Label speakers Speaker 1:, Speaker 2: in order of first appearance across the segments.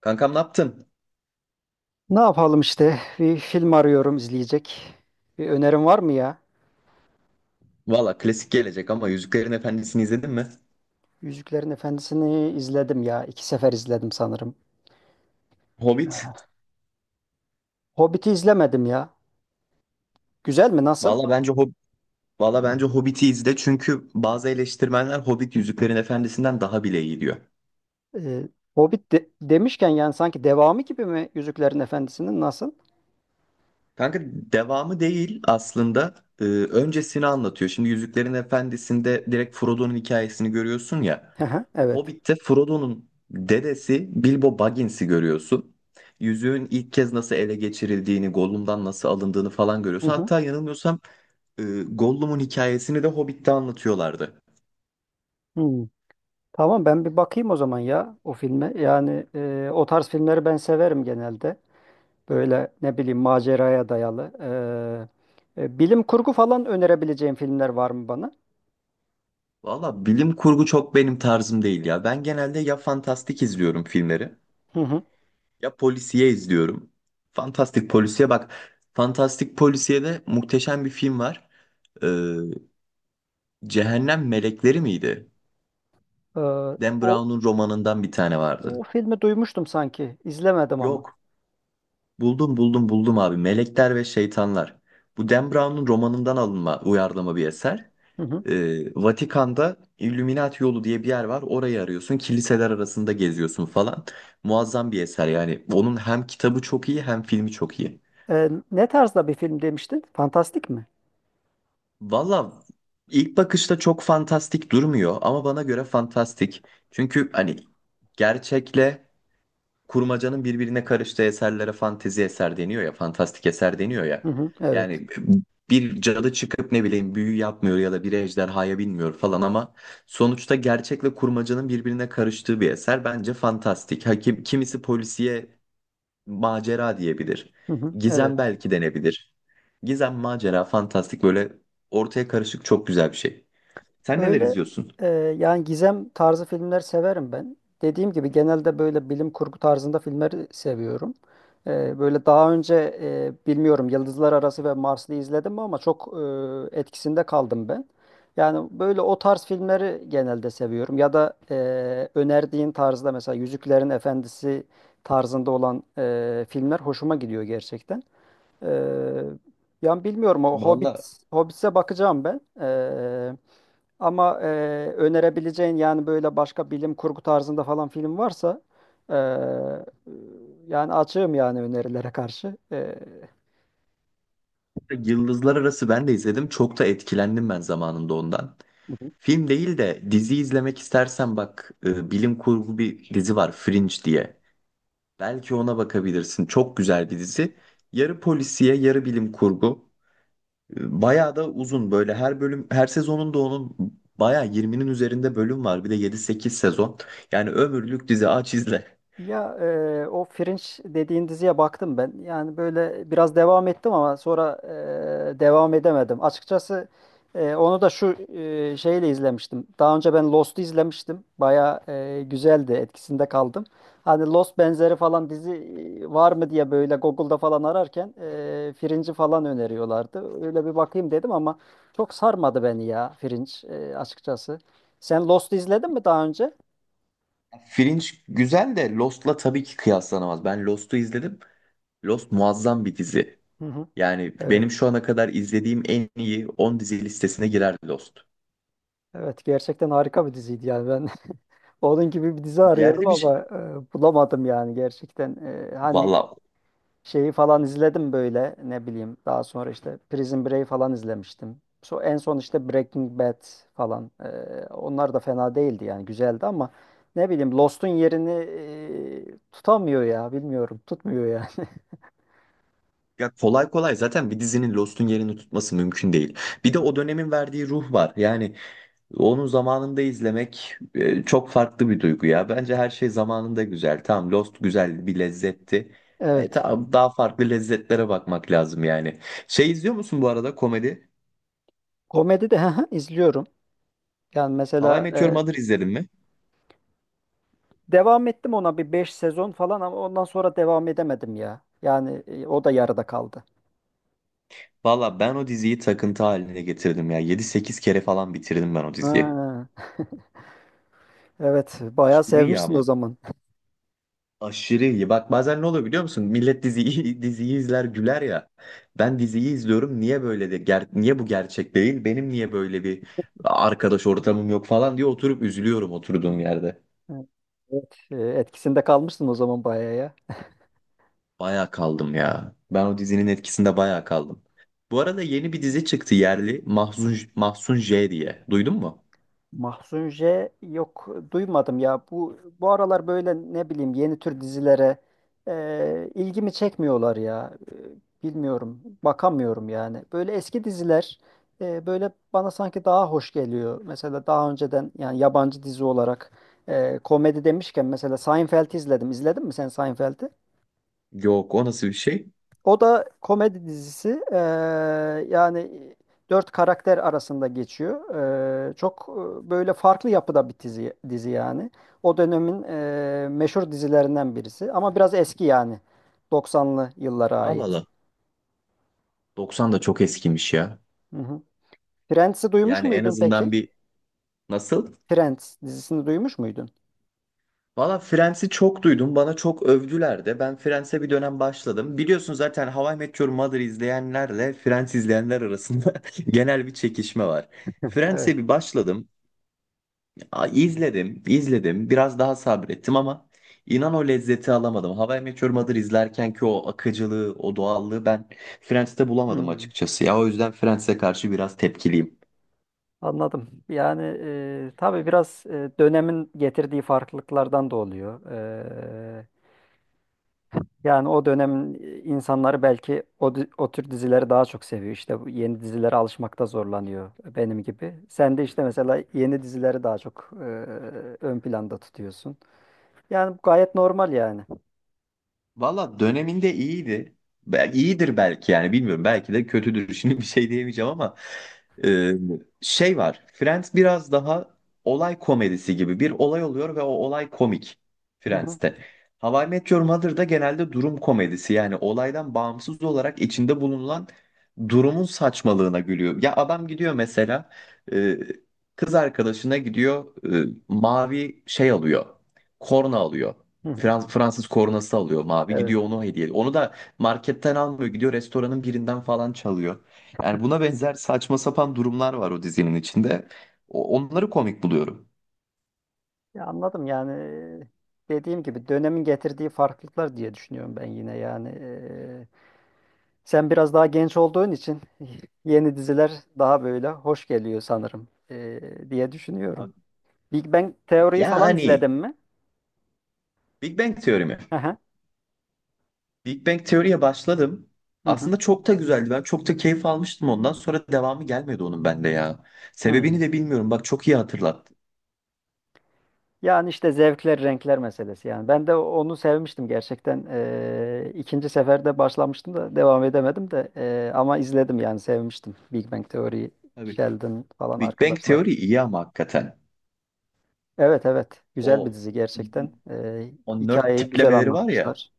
Speaker 1: Kankam ne yaptın?
Speaker 2: Ne yapalım işte? Bir film arıyorum izleyecek. Bir önerin var mı ya?
Speaker 1: Valla klasik gelecek ama Yüzüklerin Efendisi'ni izledin mi?
Speaker 2: Yüzüklerin Efendisi'ni izledim ya. İki sefer izledim sanırım.
Speaker 1: Hobbit.
Speaker 2: Hobbit'i izlemedim ya. Güzel mi? Nasıl?
Speaker 1: Valla bence Hob Valla bence Hobbit'i izle çünkü bazı eleştirmenler Hobbit Yüzüklerin Efendisi'nden daha bile iyi diyor.
Speaker 2: Ee, Hobbit demişken yani sanki devamı gibi mi Yüzüklerin Efendisi'nin nasıl?
Speaker 1: Kanka, devamı değil aslında. Öncesini anlatıyor. Şimdi Yüzüklerin Efendisi'nde direkt Frodo'nun hikayesini görüyorsun ya.
Speaker 2: Hı hı, evet.
Speaker 1: Hobbit'te Frodo'nun dedesi Bilbo Baggins'i görüyorsun. Yüzüğün ilk kez nasıl ele geçirildiğini, Gollum'dan nasıl alındığını falan
Speaker 2: Hı
Speaker 1: görüyorsun.
Speaker 2: hı.
Speaker 1: Hatta yanılmıyorsam Gollum'un hikayesini de Hobbit'te anlatıyorlardı.
Speaker 2: Hmm. Tamam, ben bir bakayım o zaman ya o filme. Yani, o tarz filmleri ben severim genelde. Böyle ne bileyim maceraya dayalı. Bilim kurgu falan önerebileceğim filmler var mı bana?
Speaker 1: Valla bilim kurgu çok benim tarzım değil ya. Ben genelde ya fantastik izliyorum filmleri
Speaker 2: Hı hı.
Speaker 1: ya polisiye izliyorum. Fantastik polisiye bak. Fantastik polisiyede muhteşem bir film var. Ee, Cehennem Melekleri miydi?
Speaker 2: Ee,
Speaker 1: Dan
Speaker 2: o,
Speaker 1: Brown'un romanından bir tane
Speaker 2: o
Speaker 1: vardı.
Speaker 2: filmi duymuştum sanki. İzlemedim ama.
Speaker 1: Yok. Buldum buldum buldum, abi. Melekler ve Şeytanlar. Bu Dan Brown'un romanından alınma uyarlama bir eser.
Speaker 2: Hı hı.
Speaker 1: Vatikan'da Illuminati yolu diye bir yer var. Orayı arıyorsun. Kiliseler arasında geziyorsun falan. Muazzam bir eser yani. Onun hem kitabı çok iyi hem filmi çok iyi.
Speaker 2: Ne tarzda bir film demiştin? Fantastik mi?
Speaker 1: Valla ilk bakışta çok fantastik durmuyor ama bana göre fantastik. Çünkü hani gerçekle kurmacanın birbirine karıştığı eserlere fantezi eser deniyor ya, fantastik eser deniyor
Speaker 2: Hı
Speaker 1: ya.
Speaker 2: hı. Evet.
Speaker 1: Yani bir cadı çıkıp ne bileyim büyü yapmıyor ya da bir ejderhaya binmiyor falan ama sonuçta gerçekle kurmacanın birbirine karıştığı bir eser bence fantastik. Hakim kimisi polisiye macera diyebilir.
Speaker 2: Hı hı,
Speaker 1: Gizem
Speaker 2: evet.
Speaker 1: belki denebilir. Gizem, macera, fantastik böyle ortaya karışık çok güzel bir şey. Sen neler
Speaker 2: Böyle,
Speaker 1: izliyorsun?
Speaker 2: e, yani gizem tarzı filmler severim ben. Dediğim gibi genelde böyle bilim kurgu tarzında filmleri seviyorum. Böyle daha önce, bilmiyorum, Yıldızlar Arası ve Marslı izledim mi ama çok etkisinde kaldım ben. Yani böyle o tarz filmleri genelde seviyorum. Ya da, önerdiğin tarzda mesela Yüzüklerin Efendisi tarzında olan, filmler hoşuma gidiyor gerçekten. E, Yani bilmiyorum, o
Speaker 1: Valla
Speaker 2: Hobbit'e bakacağım ben. Ama, önerebileceğin yani böyle başka bilim kurgu tarzında falan film varsa, e, yani açığım yani önerilere karşı.
Speaker 1: Yıldızlar Arası ben de izledim. Çok da etkilendim ben zamanında ondan.
Speaker 2: E,
Speaker 1: Film değil de dizi izlemek istersen bak bilim kurgu bir dizi var, Fringe diye. Belki ona bakabilirsin. Çok güzel bir dizi. Yarı polisiye, yarı bilim kurgu. Bayağı da uzun böyle, her bölüm, her sezonunda onun bayağı 20'nin üzerinde bölüm var. Bir de 7-8 sezon. Yani ömürlük dizi, aç izle.
Speaker 2: Ya, o Fringe dediğin diziye baktım ben. Yani böyle biraz devam ettim ama sonra, devam edemedim. Açıkçası, onu da şu, şeyle izlemiştim. Daha önce ben Lost'u izlemiştim. Baya güzeldi, etkisinde kaldım. Hani Lost benzeri falan dizi var mı diye böyle Google'da falan ararken Fringe'i falan öneriyorlardı. Öyle bir bakayım dedim ama çok sarmadı beni ya Fringe, açıkçası. Sen Lost'u izledin mi daha önce?
Speaker 1: Fringe güzel de Lost'la tabii ki kıyaslanamaz. Ben Lost'u izledim. Lost muazzam bir dizi.
Speaker 2: Hı hı.
Speaker 1: Yani
Speaker 2: Evet.
Speaker 1: benim şu ana kadar izlediğim en iyi 10 dizi listesine girer Lost.
Speaker 2: Evet, gerçekten harika bir diziydi yani ben onun gibi bir dizi arıyorum
Speaker 1: Yerde bir şey.
Speaker 2: ama bulamadım yani gerçekten. Hani
Speaker 1: Valla
Speaker 2: şeyi falan izledim böyle, ne bileyim, daha sonra işte Prison Break falan izlemiştim. So, en son işte Breaking Bad falan. Onlar da fena değildi yani güzeldi ama ne bileyim Lost'un yerini tutamıyor ya, bilmiyorum, tutmuyor yani.
Speaker 1: ya, kolay kolay zaten bir dizinin Lost'un yerini tutması mümkün değil. Bir de o dönemin verdiği ruh var. Yani onu zamanında izlemek çok farklı bir duygu ya. Bence her şey zamanında güzel. Tamam, Lost güzel bir lezzetti.
Speaker 2: Evet,
Speaker 1: Tamam, daha farklı lezzetlere bakmak lazım yani. Şey izliyor musun bu arada, komedi?
Speaker 2: komedi de izliyorum yani
Speaker 1: How I
Speaker 2: mesela,
Speaker 1: Met Your Mother izledin mi?
Speaker 2: devam ettim ona bir 5 sezon falan ama ondan sonra devam edemedim ya. Yani, o da yarıda kaldı.
Speaker 1: Valla ben o diziyi takıntı haline getirdim ya. 7-8 kere falan bitirdim ben o diziyi.
Speaker 2: Ha, evet, bayağı
Speaker 1: Aşırı iyi
Speaker 2: sevmişsin
Speaker 1: ama.
Speaker 2: o zaman.
Speaker 1: Aşırı iyi. Bak bazen ne oluyor biliyor musun? Millet diziyi, diziyi izler güler ya. Ben diziyi izliyorum. Niye böyle de niye bu gerçek değil? Benim niye böyle bir arkadaş ortamım yok falan diye oturup üzülüyorum oturduğum yerde.
Speaker 2: Evet, etkisinde kalmışsın o zaman bayağı ya.
Speaker 1: Baya kaldım ya. Ben o dizinin etkisinde baya kaldım. Bu arada yeni bir dizi çıktı, yerli. Mahzun, Mahzun J diye. Duydun mu?
Speaker 2: Mahzun J, yok, duymadım ya. Bu aralar böyle, ne bileyim, yeni tür dizilere ilgimi çekmiyorlar ya. Bilmiyorum. Bakamıyorum yani. Böyle eski diziler böyle bana sanki daha hoş geliyor. Mesela daha önceden yani yabancı dizi olarak, komedi demişken mesela Seinfeld'i izledim. İzledin mi sen Seinfeld'i?
Speaker 1: Yok, o nasıl bir şey?
Speaker 2: O da komedi dizisi. Yani dört karakter arasında geçiyor. Çok böyle farklı yapıda bir dizi yani. O dönemin meşhur dizilerinden birisi. Ama biraz eski yani. 90'lı yıllara
Speaker 1: Al al,
Speaker 2: ait.
Speaker 1: al. 90 da çok eskimiş ya.
Speaker 2: Hı hı. Friends'i duymuş
Speaker 1: Yani en
Speaker 2: muydun
Speaker 1: azından
Speaker 2: peki?
Speaker 1: bir nasıl?
Speaker 2: Friends dizisini duymuş muydun?
Speaker 1: Valla Friends'i çok duydum. Bana çok övdüler de. Ben Friends'e bir dönem başladım. Biliyorsun zaten How I Met Your Mother izleyenlerle Friends izleyenler arasında genel bir çekişme var.
Speaker 2: Evet.
Speaker 1: Friends'e bir başladım. İzledim, izledim. Biraz daha sabrettim ama inan o lezzeti alamadım. How I Met Your Mother izlerken ki o akıcılığı, o doğallığı ben Friends'te bulamadım
Speaker 2: Hmm,
Speaker 1: açıkçası. Ya o yüzden Friends'e karşı biraz tepkiliyim.
Speaker 2: anladım. Yani tabii biraz, dönemin getirdiği farklılıklardan da oluyor. Yani o dönem insanları belki o tür dizileri daha çok seviyor. İşte bu yeni dizilere alışmakta zorlanıyor benim gibi. Sen de işte mesela yeni dizileri daha çok ön planda tutuyorsun. Yani bu gayet normal yani.
Speaker 1: Valla döneminde iyiydi. Bel iyidir belki yani, bilmiyorum. Belki de kötüdür. Şimdi bir şey diyemeyeceğim ama e, şey var. Friends biraz daha olay komedisi gibi. Bir olay oluyor ve o olay komik
Speaker 2: Hı hı,
Speaker 1: Friends'te. How I Met Your Mother'da genelde durum komedisi. Yani olaydan bağımsız olarak içinde bulunan durumun saçmalığına gülüyor. Ya adam gidiyor mesela e, kız arkadaşına gidiyor, mavi şey alıyor. Korna alıyor.
Speaker 2: hı hı.
Speaker 1: Fransız kornası alıyor, mavi,
Speaker 2: Evet.
Speaker 1: gidiyor onu hediye. Onu da marketten almıyor, gidiyor restoranın birinden falan çalıyor. Yani buna benzer saçma sapan durumlar var o dizinin içinde. Onları komik buluyorum.
Speaker 2: Ya anladım yani, dediğim gibi dönemin getirdiği farklılıklar diye düşünüyorum ben yine yani. Sen biraz daha genç olduğun için yeni diziler daha böyle hoş geliyor sanırım, diye düşünüyorum.
Speaker 1: Abi,
Speaker 2: Big Bang teoriyi falan izledin
Speaker 1: yani
Speaker 2: mi?
Speaker 1: Big Bang teorimi.
Speaker 2: Hı hı.
Speaker 1: Big Bang teoriye başladım.
Speaker 2: Hı hı.
Speaker 1: Aslında çok da güzeldi. Ben çok da keyif almıştım, ondan sonra devamı gelmedi onun bende ya.
Speaker 2: Hı.
Speaker 1: Sebebini de bilmiyorum. Bak çok iyi hatırlattın.
Speaker 2: Yani işte zevkler, renkler meselesi yani. Ben de onu sevmiştim gerçekten. İkinci seferde başlamıştım da devam edemedim de, ama izledim yani sevmiştim. Big Bang Theory,
Speaker 1: Tabii.
Speaker 2: Sheldon falan
Speaker 1: Big Bang
Speaker 2: arkadaşlar.
Speaker 1: teori iyi ama hakikaten.
Speaker 2: Evet, evet, güzel
Speaker 1: O
Speaker 2: bir dizi gerçekten.
Speaker 1: o nerd
Speaker 2: Hikayeyi güzel
Speaker 1: tiplemeleri var ya.
Speaker 2: anlatmışlar.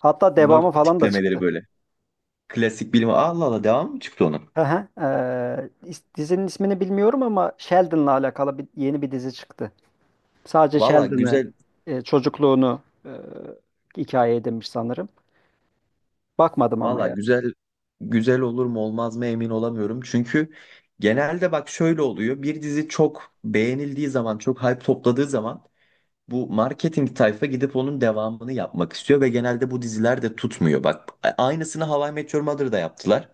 Speaker 2: Hatta devamı
Speaker 1: Nerd
Speaker 2: falan da
Speaker 1: tiplemeleri
Speaker 2: çıktı.
Speaker 1: böyle. Klasik bilim. Allah Allah, devam mı çıktı onun?
Speaker 2: Hı hı. Dizinin ismini bilmiyorum ama Sheldon'la alakalı yeni bir dizi çıktı. Sadece
Speaker 1: Valla
Speaker 2: Sheldon'ı,
Speaker 1: güzel,
Speaker 2: çocukluğunu, hikaye edinmiş sanırım. Bakmadım ama
Speaker 1: valla
Speaker 2: yani.
Speaker 1: güzel güzel olur mu olmaz mı emin olamıyorum. Çünkü genelde bak şöyle oluyor. Bir dizi çok beğenildiği zaman, çok hype topladığı zaman bu marketing tayfa gidip onun devamını yapmak istiyor ve genelde bu diziler de tutmuyor. Bak aynısını How I Met Your Mother'da yaptılar.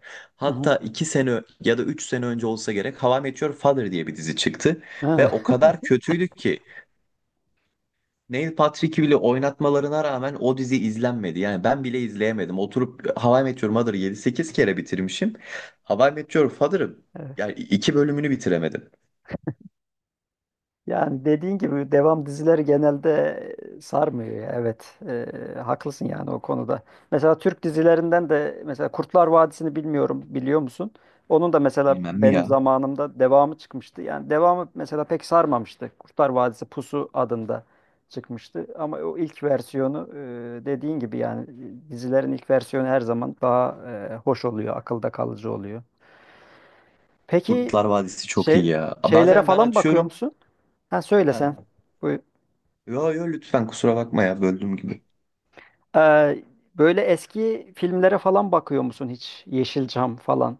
Speaker 2: Hı hı.
Speaker 1: Hatta 2 sene ya da 3 sene önce olsa gerek, How I Met Your Father diye bir dizi çıktı ve
Speaker 2: Ha.
Speaker 1: o kadar kötüydü ki Neil Patrick'i bile oynatmalarına rağmen o dizi izlenmedi. Yani ben bile izleyemedim. Oturup How I Met Your Mother'ı 7-8 kere bitirmişim. How I Met Your Father'ı
Speaker 2: Evet.
Speaker 1: yani 2 bölümünü bitiremedim.
Speaker 2: Yani dediğin gibi devam dizileri genelde sarmıyor ya. Evet, haklısın yani o konuda. Mesela Türk dizilerinden de mesela Kurtlar Vadisi'ni bilmiyorum, biliyor musun? Onun da mesela
Speaker 1: Bilmem mi
Speaker 2: benim
Speaker 1: ya?
Speaker 2: zamanımda devamı çıkmıştı. Yani devamı mesela pek sarmamıştı. Kurtlar Vadisi Pusu adında çıkmıştı. Ama o ilk versiyonu, dediğin gibi yani, dizilerin ilk versiyonu her zaman daha hoş oluyor, akılda kalıcı oluyor. Peki
Speaker 1: Kurtlar Vadisi çok
Speaker 2: şey
Speaker 1: iyi ya.
Speaker 2: şeylere
Speaker 1: Bazen ben
Speaker 2: falan bakıyor
Speaker 1: açıyorum.
Speaker 2: musun? Ha, söyle sen.
Speaker 1: Ha.
Speaker 2: Buyur.
Speaker 1: Yo yo, lütfen kusura bakma ya böldüğüm gibi.
Speaker 2: Ee, Böyle eski filmlere falan bakıyor musun hiç? Yeşilçam falan,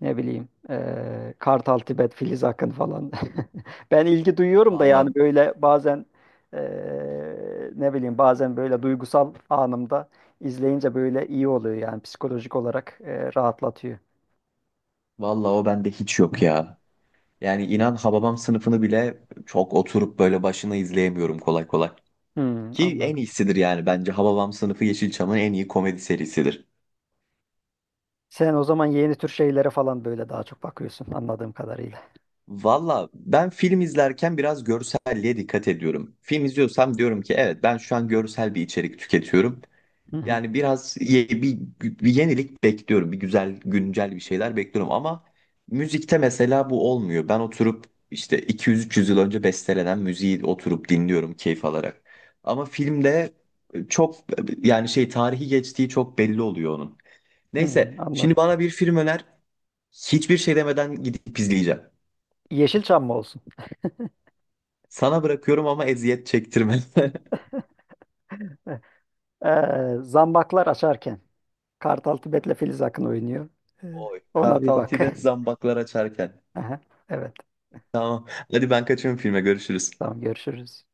Speaker 2: ne bileyim, Kartal Tibet, Filiz Akın falan. Ben ilgi duyuyorum da yani
Speaker 1: Vallahi
Speaker 2: böyle bazen, ee, ne bileyim, bazen böyle duygusal anımda izleyince böyle iyi oluyor yani psikolojik olarak, rahatlatıyor.
Speaker 1: vallahi o bende hiç yok ya. Yani inan Hababam sınıfını bile çok oturup böyle başına izleyemiyorum kolay kolay.
Speaker 2: Hmm,
Speaker 1: Ki en
Speaker 2: anladım.
Speaker 1: iyisidir yani, bence Hababam sınıfı Yeşilçam'ın en iyi komedi serisidir.
Speaker 2: Sen o zaman yeni tür şeylere falan böyle daha çok bakıyorsun anladığım kadarıyla.
Speaker 1: Valla ben film izlerken biraz görselliğe dikkat ediyorum. Film izliyorsam diyorum ki evet, ben şu an görsel bir içerik tüketiyorum.
Speaker 2: Hı hı.
Speaker 1: Yani biraz bir yenilik bekliyorum. Bir güzel güncel bir şeyler bekliyorum ama müzikte mesela bu olmuyor. Ben oturup işte 200-300 yıl önce bestelenen müziği oturup dinliyorum keyif alarak. Ama filmde çok yani şey, tarihi geçtiği çok belli oluyor onun.
Speaker 2: Hmm,
Speaker 1: Neyse, şimdi
Speaker 2: anladım.
Speaker 1: bana bir film öner. Hiçbir şey demeden gidip izleyeceğim.
Speaker 2: Yeşilçam mı olsun?
Speaker 1: Sana bırakıyorum ama eziyet çektirme.
Speaker 2: Zambaklar Açarken. Kartal Tibet'le Filiz Akın oynuyor. Ee, Ona bir
Speaker 1: Kartal
Speaker 2: bak.
Speaker 1: Tibet, zambaklar açarken.
Speaker 2: Aha, evet.
Speaker 1: Tamam. Hadi ben kaçıyorum filme. Görüşürüz.
Speaker 2: Tamam, görüşürüz.